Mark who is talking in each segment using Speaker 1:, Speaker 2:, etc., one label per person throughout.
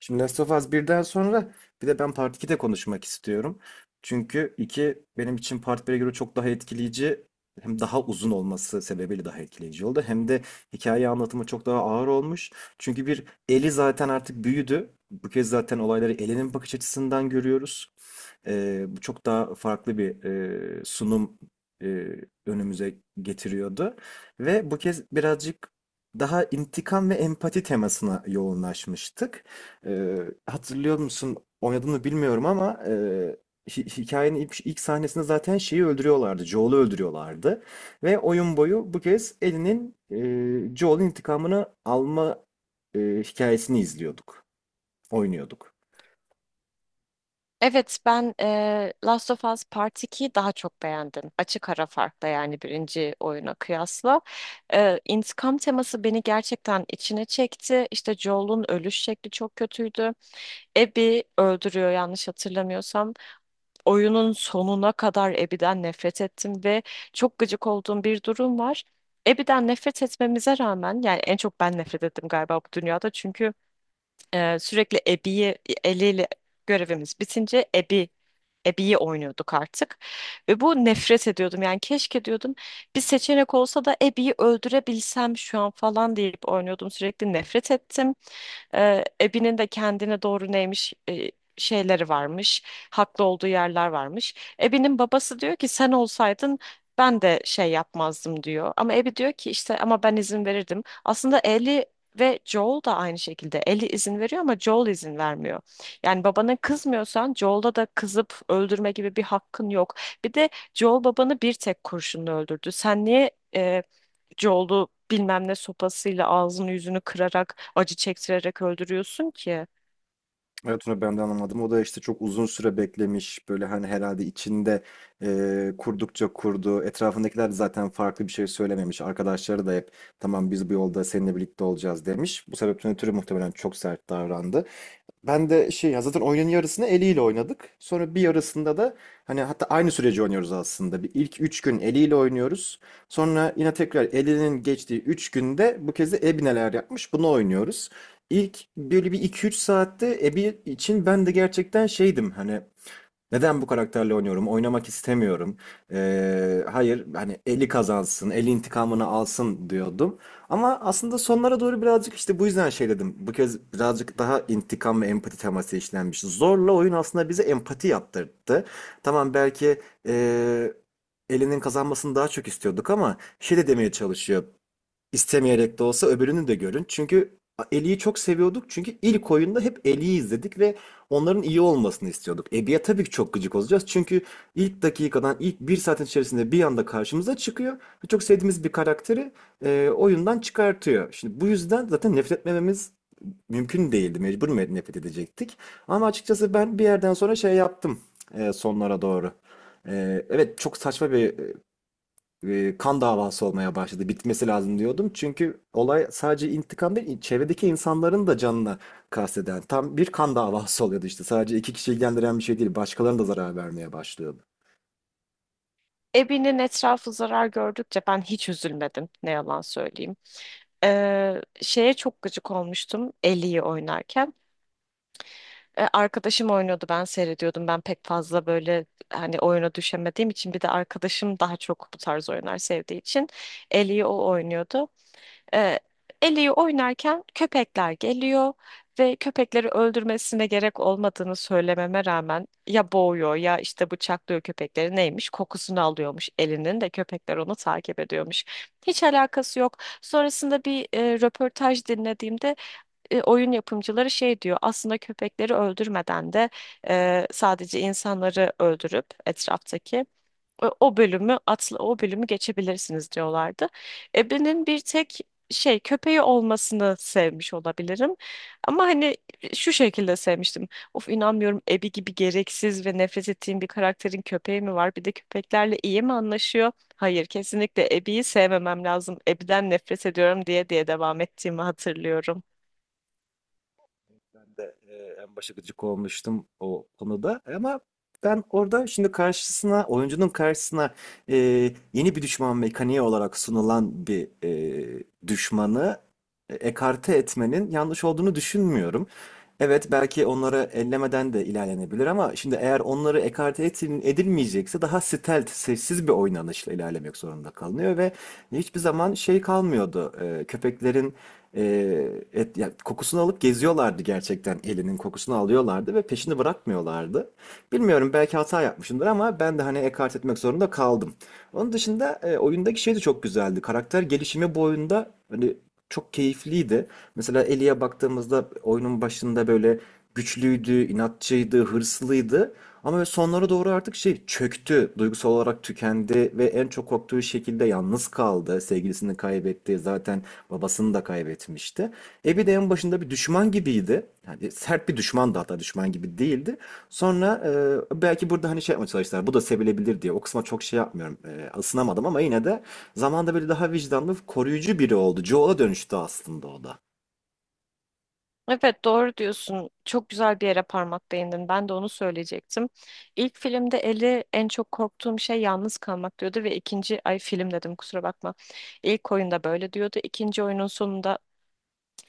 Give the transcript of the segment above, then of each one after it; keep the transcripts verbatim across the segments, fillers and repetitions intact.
Speaker 1: Şimdi Last of Us birden sonra bir de ben Part ikide konuşmak istiyorum. Çünkü iki benim için Part bire göre çok daha etkileyici, hem daha uzun olması sebebiyle daha etkileyici oldu. Hem de hikaye anlatımı çok daha ağır olmuş. Çünkü bir Eli zaten artık büyüdü. Bu kez zaten olayları elinin bakış açısından görüyoruz. Ee, bu çok daha farklı bir e, sunum e, önümüze getiriyordu. Ve bu kez birazcık daha intikam ve empati temasına yoğunlaşmıştık. Ee, Hatırlıyor musun? Oynadığını bilmiyorum ama e, hi- hikayenin ilk, ilk sahnesinde zaten şeyi öldürüyorlardı. Joel'ı öldürüyorlardı. Ve oyun boyu bu kez Ellie'nin e, Joel'in intikamını alma e, hikayesini izliyorduk. Oynuyorduk.
Speaker 2: Evet ben eee, Last of Us Part ikiyi daha çok beğendim. Açık ara farkla yani birinci oyuna kıyasla. Eee intikam teması beni gerçekten içine çekti. İşte Joel'un ölüş şekli çok kötüydü. Abby öldürüyor yanlış hatırlamıyorsam. Oyunun sonuna kadar Abby'den nefret ettim ve çok gıcık olduğum bir durum var. Abby'den nefret etmemize rağmen yani en çok ben nefret ettim galiba bu dünyada çünkü eee, sürekli Abby'yi eliyle görevimiz bitince Abby ebeyi oynuyorduk artık. Ve bu nefret ediyordum. Yani keşke diyordum bir seçenek olsa da ebeyi öldürebilsem şu an falan deyip oynuyordum. Sürekli nefret ettim. E, Abby'nin de kendine doğru neymiş e, şeyleri varmış. Haklı olduğu yerler varmış. Abby'nin babası diyor ki sen olsaydın ben de şey yapmazdım diyor. Ama Abby diyor ki işte ama ben izin verirdim. Aslında Ellie ve Joel da aynı şekilde. Ellie izin veriyor ama Joel izin vermiyor. Yani babana kızmıyorsan Joel'da da kızıp öldürme gibi bir hakkın yok. Bir de Joel babanı bir tek kurşunla öldürdü. Sen niye e, yoldu bilmem ne sopasıyla ağzını yüzünü kırarak acı çektirerek öldürüyorsun ki.
Speaker 1: Evet, onu ben de anlamadım. O da işte çok uzun süre beklemiş. Böyle hani herhalde içinde e, kurdukça kurdu. Etrafındakiler de zaten farklı bir şey söylememiş. Arkadaşları da hep tamam biz bu yolda seninle birlikte olacağız demiş. Bu sebepten ötürü muhtemelen çok sert davrandı. Ben de şey ya, zaten oyunun yarısını eliyle oynadık. Sonra bir yarısında da hani, hatta aynı süreci oynuyoruz aslında. Bir ilk üç gün eliyle oynuyoruz. Sonra yine tekrar elinin geçtiği üç günde bu kez de Ebi neler yapmış bunu oynuyoruz. İlk böyle bir iki üç saatte Ebi için ben de gerçekten şeydim hani, neden bu karakterle oynuyorum? Oynamak istemiyorum. Ee, hayır, hani eli kazansın, eli intikamını alsın diyordum. Ama aslında sonlara doğru birazcık işte bu yüzden şey dedim. Bu kez birazcık daha intikam ve empati teması işlenmiş. Zorla oyun aslında bize empati yaptırdı. Tamam, belki ee, elinin kazanmasını daha çok istiyorduk ama şey de demeye çalışıyor, istemeyerek de olsa öbürünü de görün. Çünkü Ellie'yi çok seviyorduk. Çünkü ilk oyunda hep Ellie'yi izledik ve onların iyi olmasını istiyorduk. Abby'ye tabii ki çok gıcık olacağız. Çünkü ilk dakikadan, ilk bir saatin içerisinde bir anda karşımıza çıkıyor. Ve çok sevdiğimiz bir karakteri e, oyundan çıkartıyor. Şimdi bu yüzden zaten nefret etmememiz mümkün değildi. Mecbur me- nefret edecektik. Ama açıkçası ben bir yerden sonra şey yaptım e, sonlara doğru. E, evet çok saçma bir e, kan davası olmaya başladı. Bitmesi lazım diyordum. Çünkü olay sadece intikam değil, çevredeki insanların da canına kasteden tam bir kan davası oluyordu işte. Sadece iki kişi ilgilendiren bir şey değil, başkalarına da zarar vermeye başlıyordu.
Speaker 2: Ebi'nin etrafı zarar gördükçe ben hiç üzülmedim ne yalan söyleyeyim. Ee, şeye çok gıcık olmuştum Ellie'yi oynarken. Ee, arkadaşım oynuyordu ben seyrediyordum. Ben pek fazla böyle hani oyuna düşemediğim için bir de arkadaşım daha çok bu tarz oyunlar sevdiği için Ellie'yi o oynuyordu. E, Eli'yi oynarken köpekler geliyor ve köpekleri öldürmesine gerek olmadığını söylememe rağmen ya boğuyor ya işte bıçaklıyor köpekleri neymiş kokusunu alıyormuş elinin de köpekler onu takip ediyormuş. Hiç alakası yok. Sonrasında bir e, röportaj dinlediğimde e, oyun yapımcıları şey diyor aslında köpekleri öldürmeden de e, sadece insanları öldürüp etraftaki o o bölümü atla o bölümü geçebilirsiniz diyorlardı. Ebe'nin bir tek şey köpeği olmasını sevmiş olabilirim. Ama hani e, şu şekilde sevmiştim. Of inanmıyorum Ebi gibi gereksiz ve nefret ettiğim bir karakterin köpeği mi var? Bir de köpeklerle iyi mi anlaşıyor? Hayır, kesinlikle Ebi'yi sevmemem lazım. Ebi'den nefret ediyorum diye diye devam ettiğimi hatırlıyorum.
Speaker 1: Ben de e, en başa gıcık olmuştum o konuda ama ben orada şimdi karşısına oyuncunun karşısına e, yeni bir düşman mekaniği olarak sunulan bir e, düşmanı e, ekarte etmenin yanlış olduğunu düşünmüyorum. Evet, belki onları ellemeden de ilerlenebilir ama şimdi eğer onları ekarte etin- edilmeyecekse daha stealth, sessiz bir oynanışla ilerlemek zorunda kalınıyor ve hiçbir zaman şey kalmıyordu. E, köpeklerin e, et, ya kokusunu alıp geziyorlardı, gerçekten elinin kokusunu alıyorlardı ve peşini bırakmıyorlardı. Bilmiyorum, belki hata yapmışımdır ama ben de hani ekart etmek zorunda kaldım. Onun dışında e, oyundaki şey de çok güzeldi. Karakter gelişimi bu oyunda hani çok keyifliydi. Mesela Ellie'ye baktığımızda oyunun başında böyle güçlüydü, inatçıydı, hırslıydı. Ama sonlara doğru artık şey çöktü, duygusal olarak tükendi ve en çok korktuğu şekilde yalnız kaldı. Sevgilisini kaybetti. Zaten babasını da kaybetmişti. E de en başında bir düşman gibiydi. Yani sert bir düşmandı, hatta düşman gibi değildi. Sonra e, belki burada hani şey yapmaya çalıştılar. Bu da sevilebilir diye. O kısma çok şey yapmıyorum. E, ısınamadım ama yine de zamanda böyle daha vicdanlı, koruyucu biri oldu. Joel'a dönüştü aslında o da.
Speaker 2: Evet doğru diyorsun. Çok güzel bir yere parmak değindin. Ben de onu söyleyecektim. İlk filmde Ellie en çok korktuğum şey yalnız kalmak diyordu ve ikinci ay film dedim kusura bakma. İlk oyunda böyle diyordu. İkinci oyunun sonunda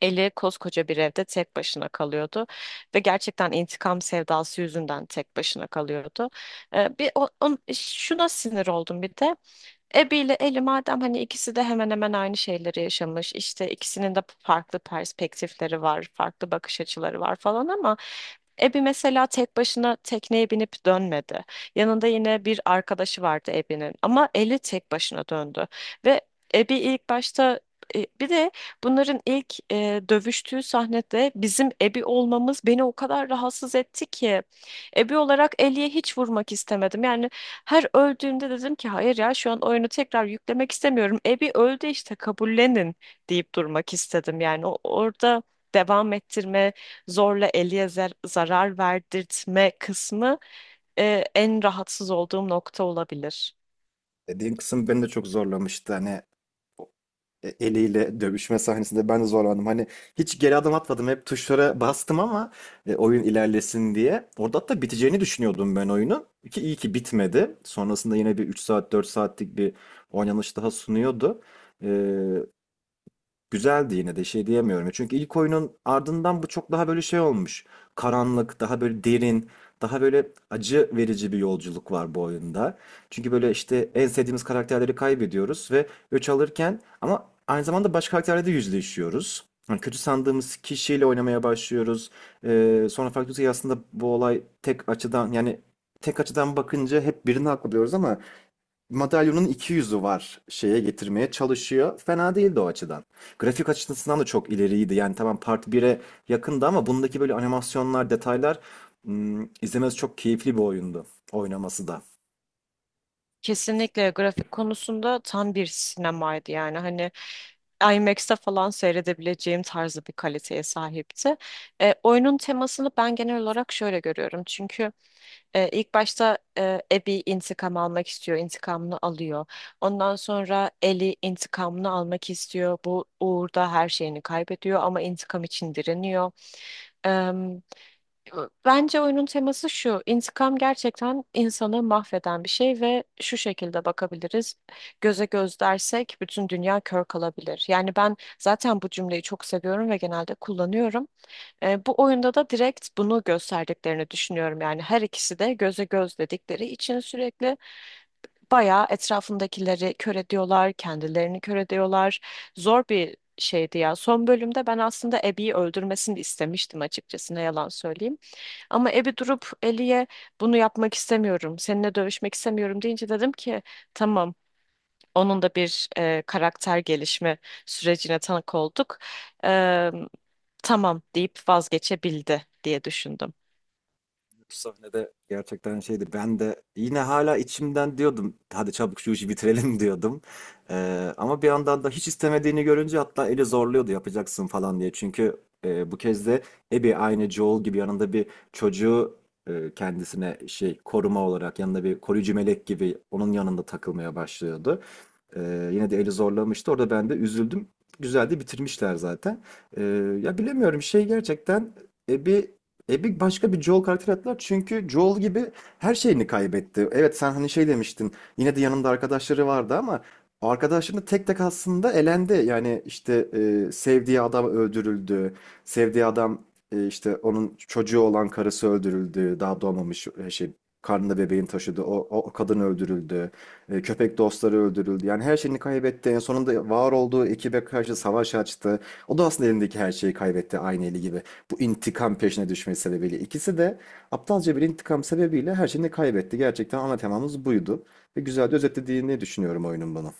Speaker 2: Ellie koskoca bir evde tek başına kalıyordu ve gerçekten intikam sevdası yüzünden tek başına kalıyordu. Ee, bir o, on- şuna sinir oldum bir de. Abby ile Ellie madem hani ikisi de hemen hemen aynı şeyleri yaşamış. İşte ikisinin de farklı perspektifleri var, farklı bakış açıları var falan ama Abby mesela tek başına tekneye binip dönmedi. Yanında yine bir arkadaşı vardı Abby'nin ama Ellie tek başına döndü. Ve Abby ilk başta e, bir de bunların ilk e, dövüştüğü sahnede bizim Abby olmamız beni o kadar rahatsız etti ki. Ebe olarak Ellie'ye hiç vurmak istemedim. Yani her öldüğümde dedim ki hayır ya şu an oyunu tekrar yüklemek istemiyorum. Abby öldü işte kabullenin deyip durmak istedim. Yani o- orada devam ettirme, zorla Ellie'ye zar- zarar verdirtme kısmı e, en rahatsız olduğum nokta olabilir.
Speaker 1: Dediğin kısım beni de çok zorlamıştı. Hani e, eliyle dövüşme sahnesinde ben de zorlandım. Hani hiç geri adım atmadım. Hep tuşlara bastım ama e, oyun ilerlesin diye. Orada hatta biteceğini düşünüyordum ben oyunun. Ki iyi ki bitmedi. Sonrasında yine bir üç saat dört saatlik bir oynanış daha sunuyordu. E, Güzeldi yine de şey diyemiyorum. Çünkü ilk oyunun ardından bu çok daha böyle şey olmuş. Karanlık, daha böyle derin, daha böyle acı verici bir yolculuk var bu oyunda. Çünkü böyle işte en sevdiğimiz karakterleri kaybediyoruz ve öç alırken ama aynı zamanda başka karakterlerle de yüzleşiyoruz. Yani kötü sandığımız kişiyle oynamaya başlıyoruz. Ee, sonra fark ediyoruz ki aslında bu olay tek açıdan, yani tek açıdan bakınca hep birini haklı diyoruz ama madalyonun iki yüzü var şeye getirmeye çalışıyor. Fena değildi o açıdan. Grafik açısından da çok ileriydi. Yani tamam Part bire yakındı ama bundaki böyle animasyonlar, detaylar, hmm, izlemesi çok keyifli bir oyundu. Oynaması da.
Speaker 2: Kesinlikle grafik konusunda tam bir sinemaydı yani hani I M A X'te falan seyredebileceğim tarzı bir kaliteye sahipti. E, oyunun temasını ben genel olarak şöyle görüyorum çünkü e, ilk başta e, Abby intikam almak istiyor, intikamını alıyor. Ondan sonra Ellie intikamını almak istiyor, bu uğurda her şeyini kaybediyor ama intikam için direniyor. Bence oyunun teması şu. İntikam gerçekten insanı mahveden bir şey ve şu şekilde bakabiliriz. Göze göz dersek bütün dünya kör kalabilir. Yani ben zaten bu cümleyi çok seviyorum ve genelde kullanıyorum. E, bu oyunda da direkt bunu gösterdiklerini düşünüyorum. Yani her ikisi de göze göz dedikleri için sürekli bayağı etrafındakileri kör ediyorlar, kendilerini kör ediyorlar. Zor bir şeydi ya. Son bölümde ben aslında Abby'yi öldürmesini istemiştim açıkçası ne yalan söyleyeyim. Ama Ebi durup Eli'ye bunu yapmak istemiyorum, seninle dövüşmek istemiyorum deyince dedim ki tamam onun da bir e, karakter gelişme sürecine tanık olduk. E, tamam deyip vazgeçebildi diye düşündüm.
Speaker 1: Bu sahnede gerçekten şeydi. Ben de yine hala içimden diyordum. Hadi çabuk şu işi bitirelim diyordum. Ee, ama bir yandan da hiç istemediğini görünce, hatta eli zorluyordu yapacaksın falan diye. Çünkü e, bu kez de Abby aynı Joel gibi yanında bir çocuğu, e, kendisine şey, koruma olarak yanında bir koruyucu melek gibi onun yanında takılmaya başlıyordu. Eee, yine de eli zorlamıştı. Orada ben de üzüldüm. Güzel de bitirmişler zaten. Eee, ya bilemiyorum şey, gerçekten Ebi Ebi başka bir Joel karakteri attılar. Çünkü Joel gibi her şeyini kaybetti. Evet sen hani şey demiştin. Yine de yanında arkadaşları vardı ama arkadaşlarını tek tek aslında elendi. Yani işte eee, sevdiği adam öldürüldü. Sevdiği adam eee, işte onun çocuğu olan karısı öldürüldü. Daha doğmamış e, şey, karnında bebeğin taşıdı. o, o kadın öldürüldü. E, köpek dostları öldürüldü. Yani her şeyini kaybetti. En sonunda var olduğu ekibe karşı savaş açtı. O da aslında elindeki her şeyi kaybetti aynı eli gibi. Bu intikam peşine düşmesi sebebiyle. İkisi de aptalca bir intikam sebebiyle her şeyini kaybetti. Gerçekten ana temamız buydu. Ve güzel de özetlediğini düşünüyorum oyunun bana.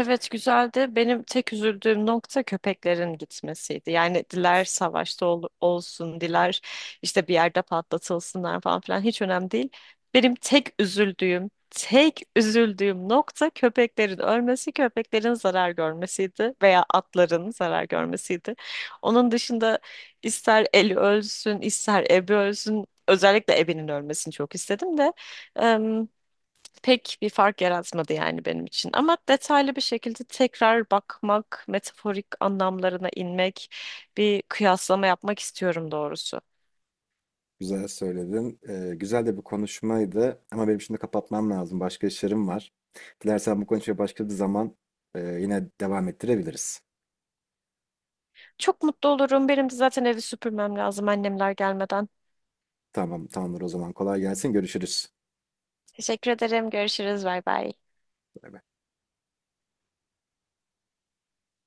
Speaker 2: Evet güzeldi. Benim tek üzüldüğüm nokta köpeklerin gitmesiydi. Yani diler savaşta ol- olsun, diler işte bir yerde patlatılsınlar falan filan hiç önemli değil. Benim tek üzüldüğüm, tek üzüldüğüm nokta köpeklerin ölmesi, köpeklerin zarar görmesiydi veya atların zarar görmesiydi. Onun dışında ister Eli ölsün, ister Ebi ölsün. Özellikle Ebi'nin ölmesini çok istedim de pek bir fark yaratmadı yani benim için. Ama detaylı bir şekilde tekrar bakmak, metaforik anlamlarına inmek, bir kıyaslama yapmak istiyorum doğrusu.
Speaker 1: Güzel söyledin. Ee, güzel de bir konuşmaydı. Ama benim şimdi kapatmam lazım. Başka işlerim var. Dilersen bu konuşmaya başka bir zaman e, yine devam ettirebiliriz.
Speaker 2: Çok mutlu olurum. Benim de zaten evi süpürmem lazım annemler gelmeden.
Speaker 1: Tamam, tamamdır o zaman. Kolay gelsin. Görüşürüz.
Speaker 2: Teşekkür ederim. Görüşürüz. Bay bay.
Speaker 1: Bay bay.